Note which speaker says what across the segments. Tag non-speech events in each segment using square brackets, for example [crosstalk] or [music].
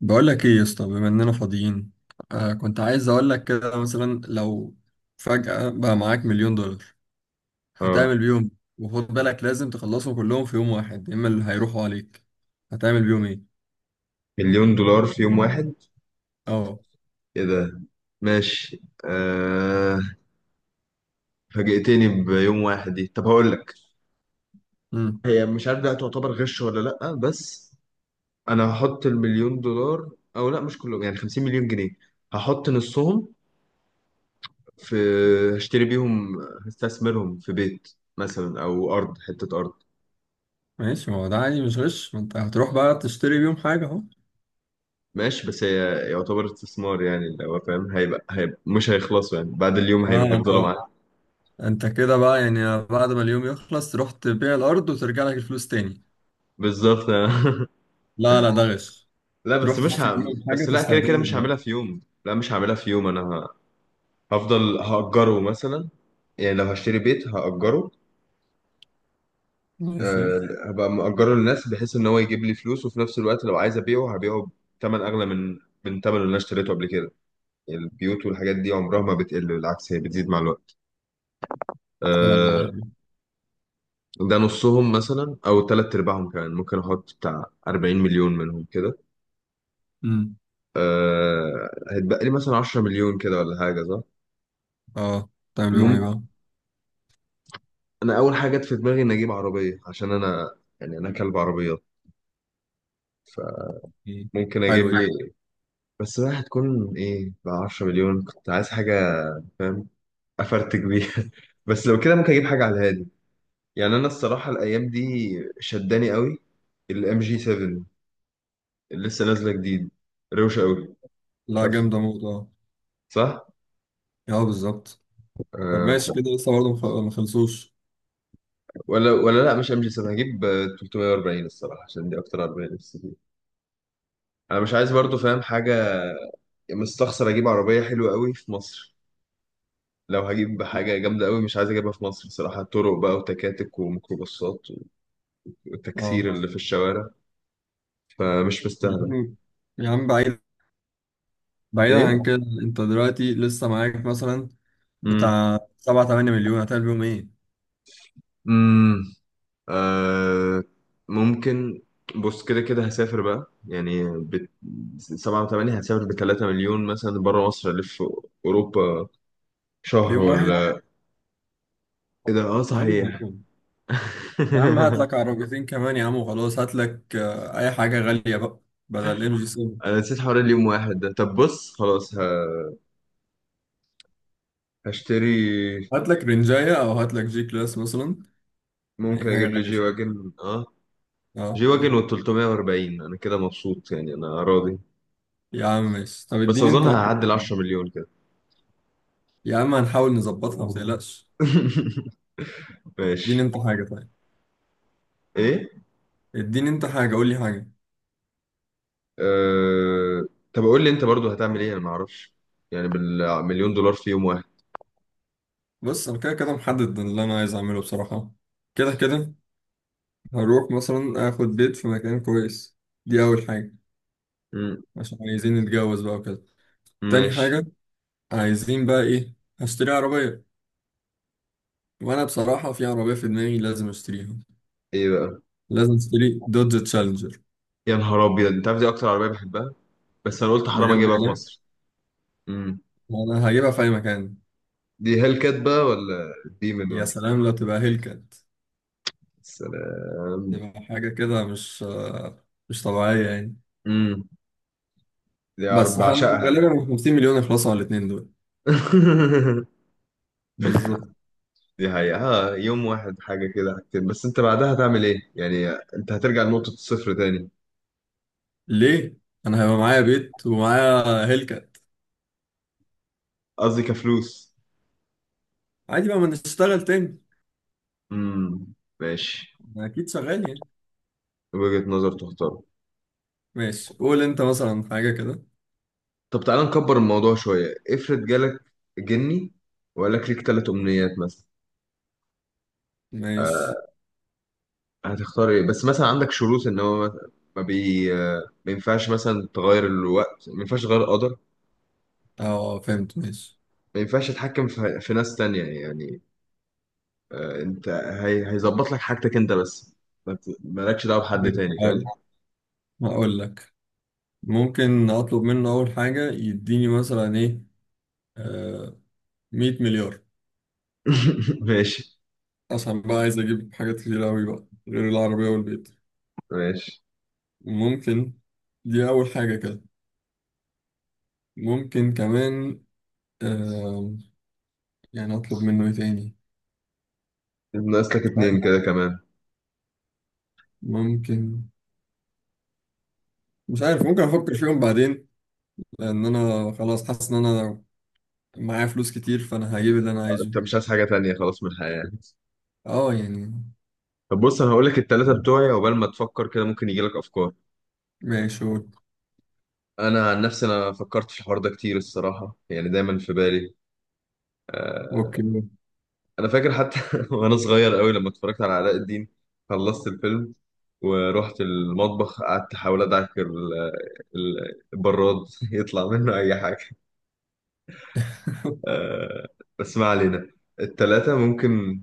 Speaker 1: بقول لك ايه يا اسطى، بما اننا فاضيين. كنت عايز اقول لك كده، مثلا لو فجأة بقى معاك مليون دولار،
Speaker 2: اه.
Speaker 1: هتعمل بيهم؟ وخد بالك، لازم تخلصهم كلهم في يوم واحد، يا اما اللي هيروحوا عليك. هتعمل بيهم ايه؟
Speaker 2: مليون دولار في يوم واحد؟
Speaker 1: اه.
Speaker 2: ايه ده. ماشي، آه. فاجئتني بيوم واحد دي. طب هقول لك،
Speaker 1: امم.
Speaker 2: هي مش عارف ده تعتبر غش ولا لا، بس انا هحط المليون دولار او لا، مش كلهم يعني، 50 مليون جنيه هحط نصهم، في هشتري بيهم، هستثمرهم في بيت مثلا او ارض، حتة ارض.
Speaker 1: ماشي، ما هو ده عادي مش غش، ما انت هتروح بقى تشتري بيهم حاجة اهو.
Speaker 2: ماشي بس هي يعتبر استثمار يعني لو فاهم، هيبقى مش هيخلصوا، يعني بعد اليوم
Speaker 1: اه،
Speaker 2: هيبقى
Speaker 1: انت
Speaker 2: هيفضلوا معاك.
Speaker 1: انت كده بقى يعني، بعد ما اليوم يخلص تروح تبيع الارض وترجع لك الفلوس تاني؟
Speaker 2: بالظبط. [laughs]
Speaker 1: لا لا، ده غش.
Speaker 2: لا،
Speaker 1: تروح تشتري بيهم حاجة
Speaker 2: بس لا كده كده
Speaker 1: تستخدمها
Speaker 2: مش هعملها
Speaker 1: دلوقتي.
Speaker 2: في يوم، لا مش هعملها في يوم، هفضل هأجره مثلا. يعني لو هشتري بيت هأجره.
Speaker 1: ماشي.
Speaker 2: أه... هبقى مأجره للناس بحيث ان هو يجيب لي فلوس، وفي نفس الوقت لو عايز ابيعه هبيعه بثمن اغلى من ثمن اللي انا اشتريته قبل كده. يعني البيوت والحاجات دي عمرها ما بتقل، بالعكس هي بتزيد مع الوقت.
Speaker 1: فعلا دي
Speaker 2: أه...
Speaker 1: حاجة.
Speaker 2: ده نصهم مثلا او ثلاث ارباعهم، كمان ممكن احط بتاع 40 مليون منهم كده. هيتبقى لي مثلا 10 مليون كده ولا حاجة، صح؟
Speaker 1: اه، تعمل بيهم
Speaker 2: مم-
Speaker 1: ايه بقى؟
Speaker 2: انا اول حاجه جت في دماغي ان اجيب عربيه، عشان انا، يعني انا كلب عربيات.
Speaker 1: مم.
Speaker 2: فممكن اجيب
Speaker 1: حلوة دي.
Speaker 2: لي. بس بقى هتكون ايه ب 10 مليون؟ كنت عايز حاجه فاهم، افرتك بيها. [laughs] بس لو كده ممكن اجيب حاجه على الهادي. يعني انا الصراحه الايام دي شداني قوي الام جي 7 اللي لسه نازله جديد، روشه قوي. مش
Speaker 1: لا
Speaker 2: عارف.
Speaker 1: جامدة موت، اه.
Speaker 2: صح.
Speaker 1: اه، بالظبط. طب
Speaker 2: آه ف-
Speaker 1: ماشي، كده لسه برضه ما خلصوش.
Speaker 2: ولا ولا لا مش ام جي 7، هجيب 340، الصراحه عشان دي اكتر عربيه نفسي فيها. انا مش عايز برضو فاهم حاجه، مستخسر اجيب عربيه حلوه قوي في مصر. لو هجيب حاجة جامدة قوي مش عايز أجيبها في مصر، بصراحة طرق بقى وتكاتك وميكروباصات
Speaker 1: اه.
Speaker 2: والتكسير اللي في الشوارع، فمش
Speaker 1: يا
Speaker 2: مستاهلة.
Speaker 1: عم. يا عم بعيد. بعيدا عن
Speaker 2: إيه؟
Speaker 1: كده. انت دلوقتي لسه معاك مثلا
Speaker 2: مم.
Speaker 1: بتاع 7 8 مليون، هتعمل بيهم ايه؟
Speaker 2: مم. آه. ممكن. بص كده كده هسافر بقى، يعني سبعة وثمانية. هسافر ب 3 مليون مثلا بره مصر، ألف أوروبا
Speaker 1: في
Speaker 2: شهر
Speaker 1: يوم واحد؟
Speaker 2: ولا. إيه ده، آه
Speaker 1: يا عم.
Speaker 2: صحيح.
Speaker 1: يوم.
Speaker 2: [laughs]
Speaker 1: يا عم هات لك عربيتين كمان يا عم وخلاص، هات لك اي حاجة غالية بقى، بدل ام جي 7.
Speaker 2: أنا نسيت حوار اليوم واحد ده. طب بص خلاص هشتري.
Speaker 1: هات لك رنجاية او هات لك جي كلاس مثلا. اي
Speaker 2: ممكن
Speaker 1: حاجة
Speaker 2: أجيب لي
Speaker 1: غالية
Speaker 2: جي
Speaker 1: شوية.
Speaker 2: واجن آه.
Speaker 1: اه.
Speaker 2: جي واجن و 340، انا كده مبسوط يعني، انا راضي.
Speaker 1: يا عم ماشي، طب
Speaker 2: بس
Speaker 1: اديني
Speaker 2: اظن
Speaker 1: انت مثلا.
Speaker 2: هعدي ال 10 مليون كده.
Speaker 1: يا عم هنحاول نظبطها، ما والله تقلقش.
Speaker 2: [laughs]
Speaker 1: اديني
Speaker 2: ماشي.
Speaker 1: انت حاجة طيب.
Speaker 2: ايه
Speaker 1: اديني انت حاجة، قول لي حاجة.
Speaker 2: أه... طب قول لي انت برضو هتعمل ايه، انا ما اعرفش يعني بالمليون دولار في يوم واحد.
Speaker 1: بص انا كده كده محدد اللي انا عايز اعمله بصراحة. كده كده هروح مثلا اخد بيت في مكان كويس. دي اول حاجة،
Speaker 2: مم.
Speaker 1: عشان عايزين نتجوز بقى وكده. تاني
Speaker 2: ماشي.
Speaker 1: حاجة، عايزين بقى ايه، هشتري عربية. وانا بصراحة في عربية في دماغي لازم اشتريها.
Speaker 2: ايه بقى؟
Speaker 1: لازم اشتري دوج تشالنجر.
Speaker 2: يا نهار ابيض، انت عارف دي اكتر عربيه بحبها، بس انا قلت حرام
Speaker 1: بجد،
Speaker 2: اجيبها في مصر. مم.
Speaker 1: والله انا هجيبها في اي مكان.
Speaker 2: دي هيل كات بقى ولا ديمن
Speaker 1: يا
Speaker 2: ولا إيه؟
Speaker 1: سلام لو تبقى هيلكات.
Speaker 2: السلام.
Speaker 1: تبقى حاجة كده مش طبيعية يعني.
Speaker 2: امم. دي عرب
Speaker 1: بس فانا
Speaker 2: بعشقها.
Speaker 1: غالبا 50 مليون يخلصوا على الاثنين دول.
Speaker 2: [laughs]
Speaker 1: بالظبط.
Speaker 2: دي حقيقة. ها، يوم واحد حاجة كده حاجتين، بس انت بعدها هتعمل ايه؟ يعني انت هترجع لنقطة الصفر تاني.
Speaker 1: ليه؟ انا هيبقى معايا بيت ومعايا هيلكات.
Speaker 2: قصدي كفلوس.
Speaker 1: عادي بقى، ما نشتغل تاني.
Speaker 2: امم. ماشي.
Speaker 1: أنا اكيد شغال يعني.
Speaker 2: وجهة نظر، تختار.
Speaker 1: ماشي قول انت مثلا حاجه كده.
Speaker 2: طب تعالى نكبر الموضوع شوية. افرض جالك جني، وقال لك ليك تلات أمنيات مثلا، آه،
Speaker 1: ماشي.
Speaker 2: هتختار ايه؟ بس مثلا عندك شروط ان هو ما بي ما ينفعش مثلا تغير الوقت، ما ينفعش تغير قدر،
Speaker 1: اه فهمت، ماشي.
Speaker 2: ما ينفعش تتحكم في ناس تانية يعني. انت، هيظبط لك حاجتك انت بس، ما ت- مالكش دعوة بحد
Speaker 1: جميل.
Speaker 2: تاني،
Speaker 1: هقول
Speaker 2: فاهم؟
Speaker 1: لك هقول لك ممكن اطلب منه اول حاجه يديني مثلا ايه. آه 100 مليار،
Speaker 2: [laughs] ماشي.
Speaker 1: عشان بقى عايز اجيب حاجات كتير قوي بقى غير العربيه والبيت.
Speaker 2: ماشي.
Speaker 1: ممكن. دي اول حاجه كده. ممكن كمان، آه، يعني اطلب منه ايه تاني؟
Speaker 2: ناقص لك
Speaker 1: مش عارف
Speaker 2: اتنين كده كمان.
Speaker 1: ممكن مش عارف، ممكن افكر فيهم بعدين. لان انا خلاص حاسس ان انا معايا فلوس كتير، فانا هجيب اللي انا عايزه.
Speaker 2: انت مش عايز حاجة تانية خلاص من الحياة يعني؟
Speaker 1: اه يعني.
Speaker 2: طب بص، انا هقول لك التلاتة بتوعي عقبال ما تفكر كده، ممكن يجي لك افكار.
Speaker 1: ماشي
Speaker 2: انا عن نفسي انا فكرت في الحوار ده كتير الصراحة، يعني دايما في بالي. آه،
Speaker 1: اوكي.
Speaker 2: انا فاكر حتى [laughs] وانا صغير قوي لما اتفرجت على علاء الدين، خلصت الفيلم ورحت المطبخ، قعدت احاول ادعك البراد [laughs] يطلع منه اي حاجة.
Speaker 1: [laughs]
Speaker 2: آه، بس ما علينا. التلاتة ممكن،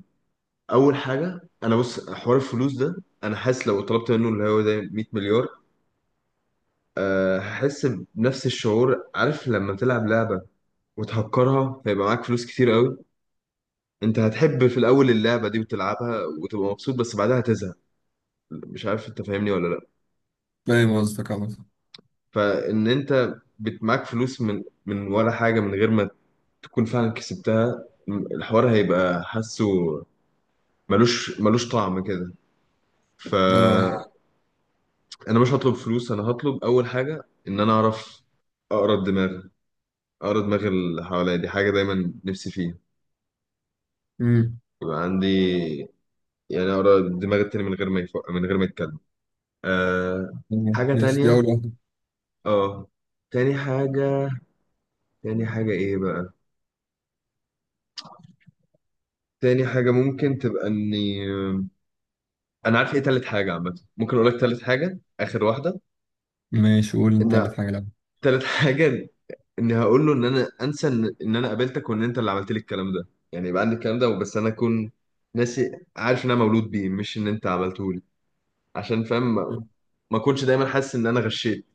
Speaker 2: اول حاجه انا بص حوار الفلوس ده، انا حاسس لو طلبت منه اللي هو زي 100 مليار، هحس بنفس الشعور. عارف لما تلعب لعبه وتهكرها، فيبقى معاك فلوس كتير قوي، انت هتحب في الاول اللعبه دي وتلعبها وتبقى مبسوط، بس بعدها هتزهق. مش عارف انت فاهمني ولا لا.
Speaker 1: فاهم قصدك عمد.
Speaker 2: معاك فلوس من ولا حاجه، من غير ما تكون فعلا كسبتها، الحوار هيبقى حاسه، ملوش طعم كده. ف
Speaker 1: اه.
Speaker 2: انا مش هطلب فلوس، انا هطلب اول حاجه ان انا اعرف اقرا الدماغ، اقرا دماغ اللي حواليا. دي حاجه دايما نفسي فيها،
Speaker 1: امم
Speaker 2: يبقى عندي يعني اقرا دماغ التاني من غير ما من غير ما يتكلم. آه...
Speaker 1: تمام.
Speaker 2: حاجه
Speaker 1: ماشي دي اول
Speaker 2: تانية.
Speaker 1: واحدة.
Speaker 2: اه. تاني حاجه. تاني حاجه ايه بقى، تاني حاجه ممكن تبقى اني، انا عارف ايه تالت حاجه، عامه ممكن اقول لك تالت حاجه، اخر واحده.
Speaker 1: ماشي قول انت اللي
Speaker 2: ان
Speaker 1: في حاجة لعبة.
Speaker 2: تالت [laughs] حاجه، اني هقول له ان انا انسى ان انا قابلتك وان انت اللي عملت لي الكلام ده، يعني يبقى عندي الكلام ده، بس انا اكون ناسي، عارف ان انا مولود بيه مش ان انت عملته لي. عشان فاهم، ما اكونش دايما حاسس ان انا غشيت،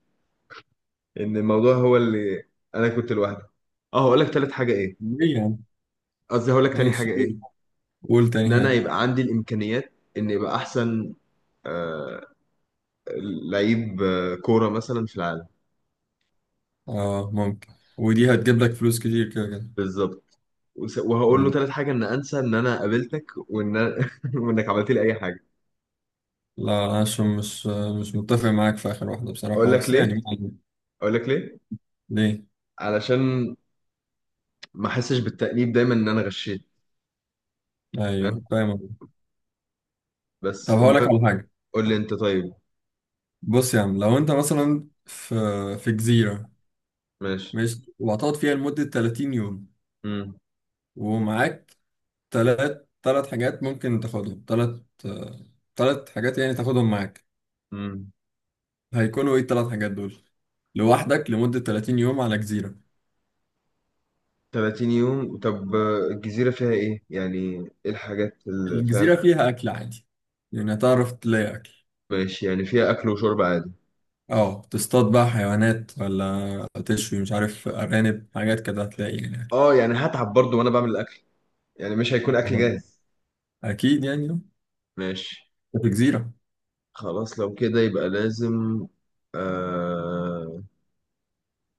Speaker 2: ان الموضوع هو اللي انا كنت لوحدي. اه، هقول لك تالت حاجه ايه،
Speaker 1: ليه يعني؟
Speaker 2: قصدي هقول لك تاني
Speaker 1: ماشي
Speaker 2: حاجه
Speaker 1: قول
Speaker 2: ايه،
Speaker 1: قول تاني
Speaker 2: ان انا
Speaker 1: حاجة.
Speaker 2: يبقى عندي الامكانيات ان يبقى احسن آه لعيب كوره مثلا في العالم.
Speaker 1: اه ممكن. ودي هتجيب لك فلوس كتير كده كده.
Speaker 2: بالظبط. وهقول له
Speaker 1: مم.
Speaker 2: تالت حاجه ان انسى ان انا قابلتك، [laughs] وانك عملت لي اي حاجه.
Speaker 1: لا عشان مش متفق معاك في آخر واحدة
Speaker 2: اقول
Speaker 1: بصراحة،
Speaker 2: لك
Speaker 1: بس
Speaker 2: ليه،
Speaker 1: يعني معلم.
Speaker 2: اقول لك ليه،
Speaker 1: ليه؟
Speaker 2: علشان ما احسش بالتأنيب دايما ان انا غشيت، فاهم.
Speaker 1: ايوه، فاهم قصدك. طب
Speaker 2: بس
Speaker 1: هقول لك
Speaker 2: المهم،
Speaker 1: على حاجه.
Speaker 2: قول لي انت طيب.
Speaker 1: بص يا عم، لو انت مثلا في جزيره،
Speaker 2: ماشي.
Speaker 1: ماشي، وهتقعد فيها لمده 30 يوم.
Speaker 2: امم
Speaker 1: ومعاك ثلاث حاجات ممكن تاخدهم، ثلاث حاجات يعني تاخدهم معاك.
Speaker 2: امم
Speaker 1: هيكونوا ايه الثلاث حاجات دول؟ لوحدك لمده 30 يوم على جزيره.
Speaker 2: 30 يوم، طب الجزيرة فيها ايه يعني؟ ايه الحاجات اللي، فاهم؟
Speaker 1: الجزيره فيها اكل عادي، يعني هتعرف تلاقي اكل.
Speaker 2: ماشي، يعني فيها اكل وشرب عادي.
Speaker 1: اه تصطاد بقى حيوانات، ولا تشوي، مش عارف، ارانب، حاجات كده هتلاقي يعني.
Speaker 2: اه، يعني هتعب برضو وانا بعمل الاكل، يعني مش هيكون اكل جاهز.
Speaker 1: أكيد يعني.
Speaker 2: ماشي.
Speaker 1: في جزيرة.
Speaker 2: خلاص لو كده يبقى لازم، آه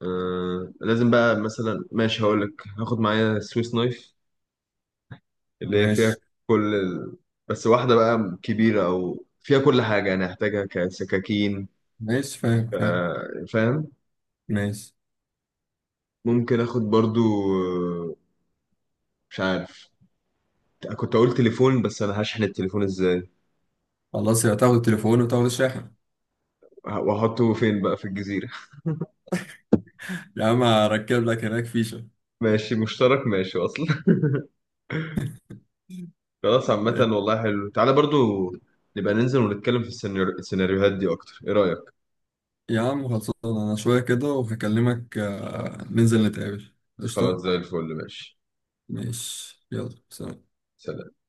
Speaker 2: آه لازم بقى مثلا. ماشي، هقول لك هاخد معايا سويس نايف اللي هي فيها
Speaker 1: ماشي.
Speaker 2: كل ال... بس واحدة بقى كبيرة، أو فيها كل حاجة يعني هحتاجها كسكاكين.
Speaker 1: ماشي فاهم فاهم.
Speaker 2: فاهم.
Speaker 1: ماشي.
Speaker 2: ممكن آخد برضو آه، مش عارف، كنت أقول تليفون، بس أنا هشحن التليفون إزاي
Speaker 1: خلاص، يا تاخد التليفون وتاخد الشاحن.
Speaker 2: وأحطه فين بقى في الجزيرة؟ [laughs]
Speaker 1: [laughs] يا عم هركب لك هناك فيشة.
Speaker 2: ماشي مشترك ماشي أصلا. [laughs] خلاص، عامة والله حلو. تعالى برضو نبقى ننزل ونتكلم في السيناريوهات دي أكتر، إيه رأيك؟
Speaker 1: يا عم خلصان، انا شوية كده وهكلمك. ننزل نتقابل
Speaker 2: خلاص
Speaker 1: قشطة.
Speaker 2: زي الفل. ماشي.
Speaker 1: ماشي. يلا سلام.
Speaker 2: سلام.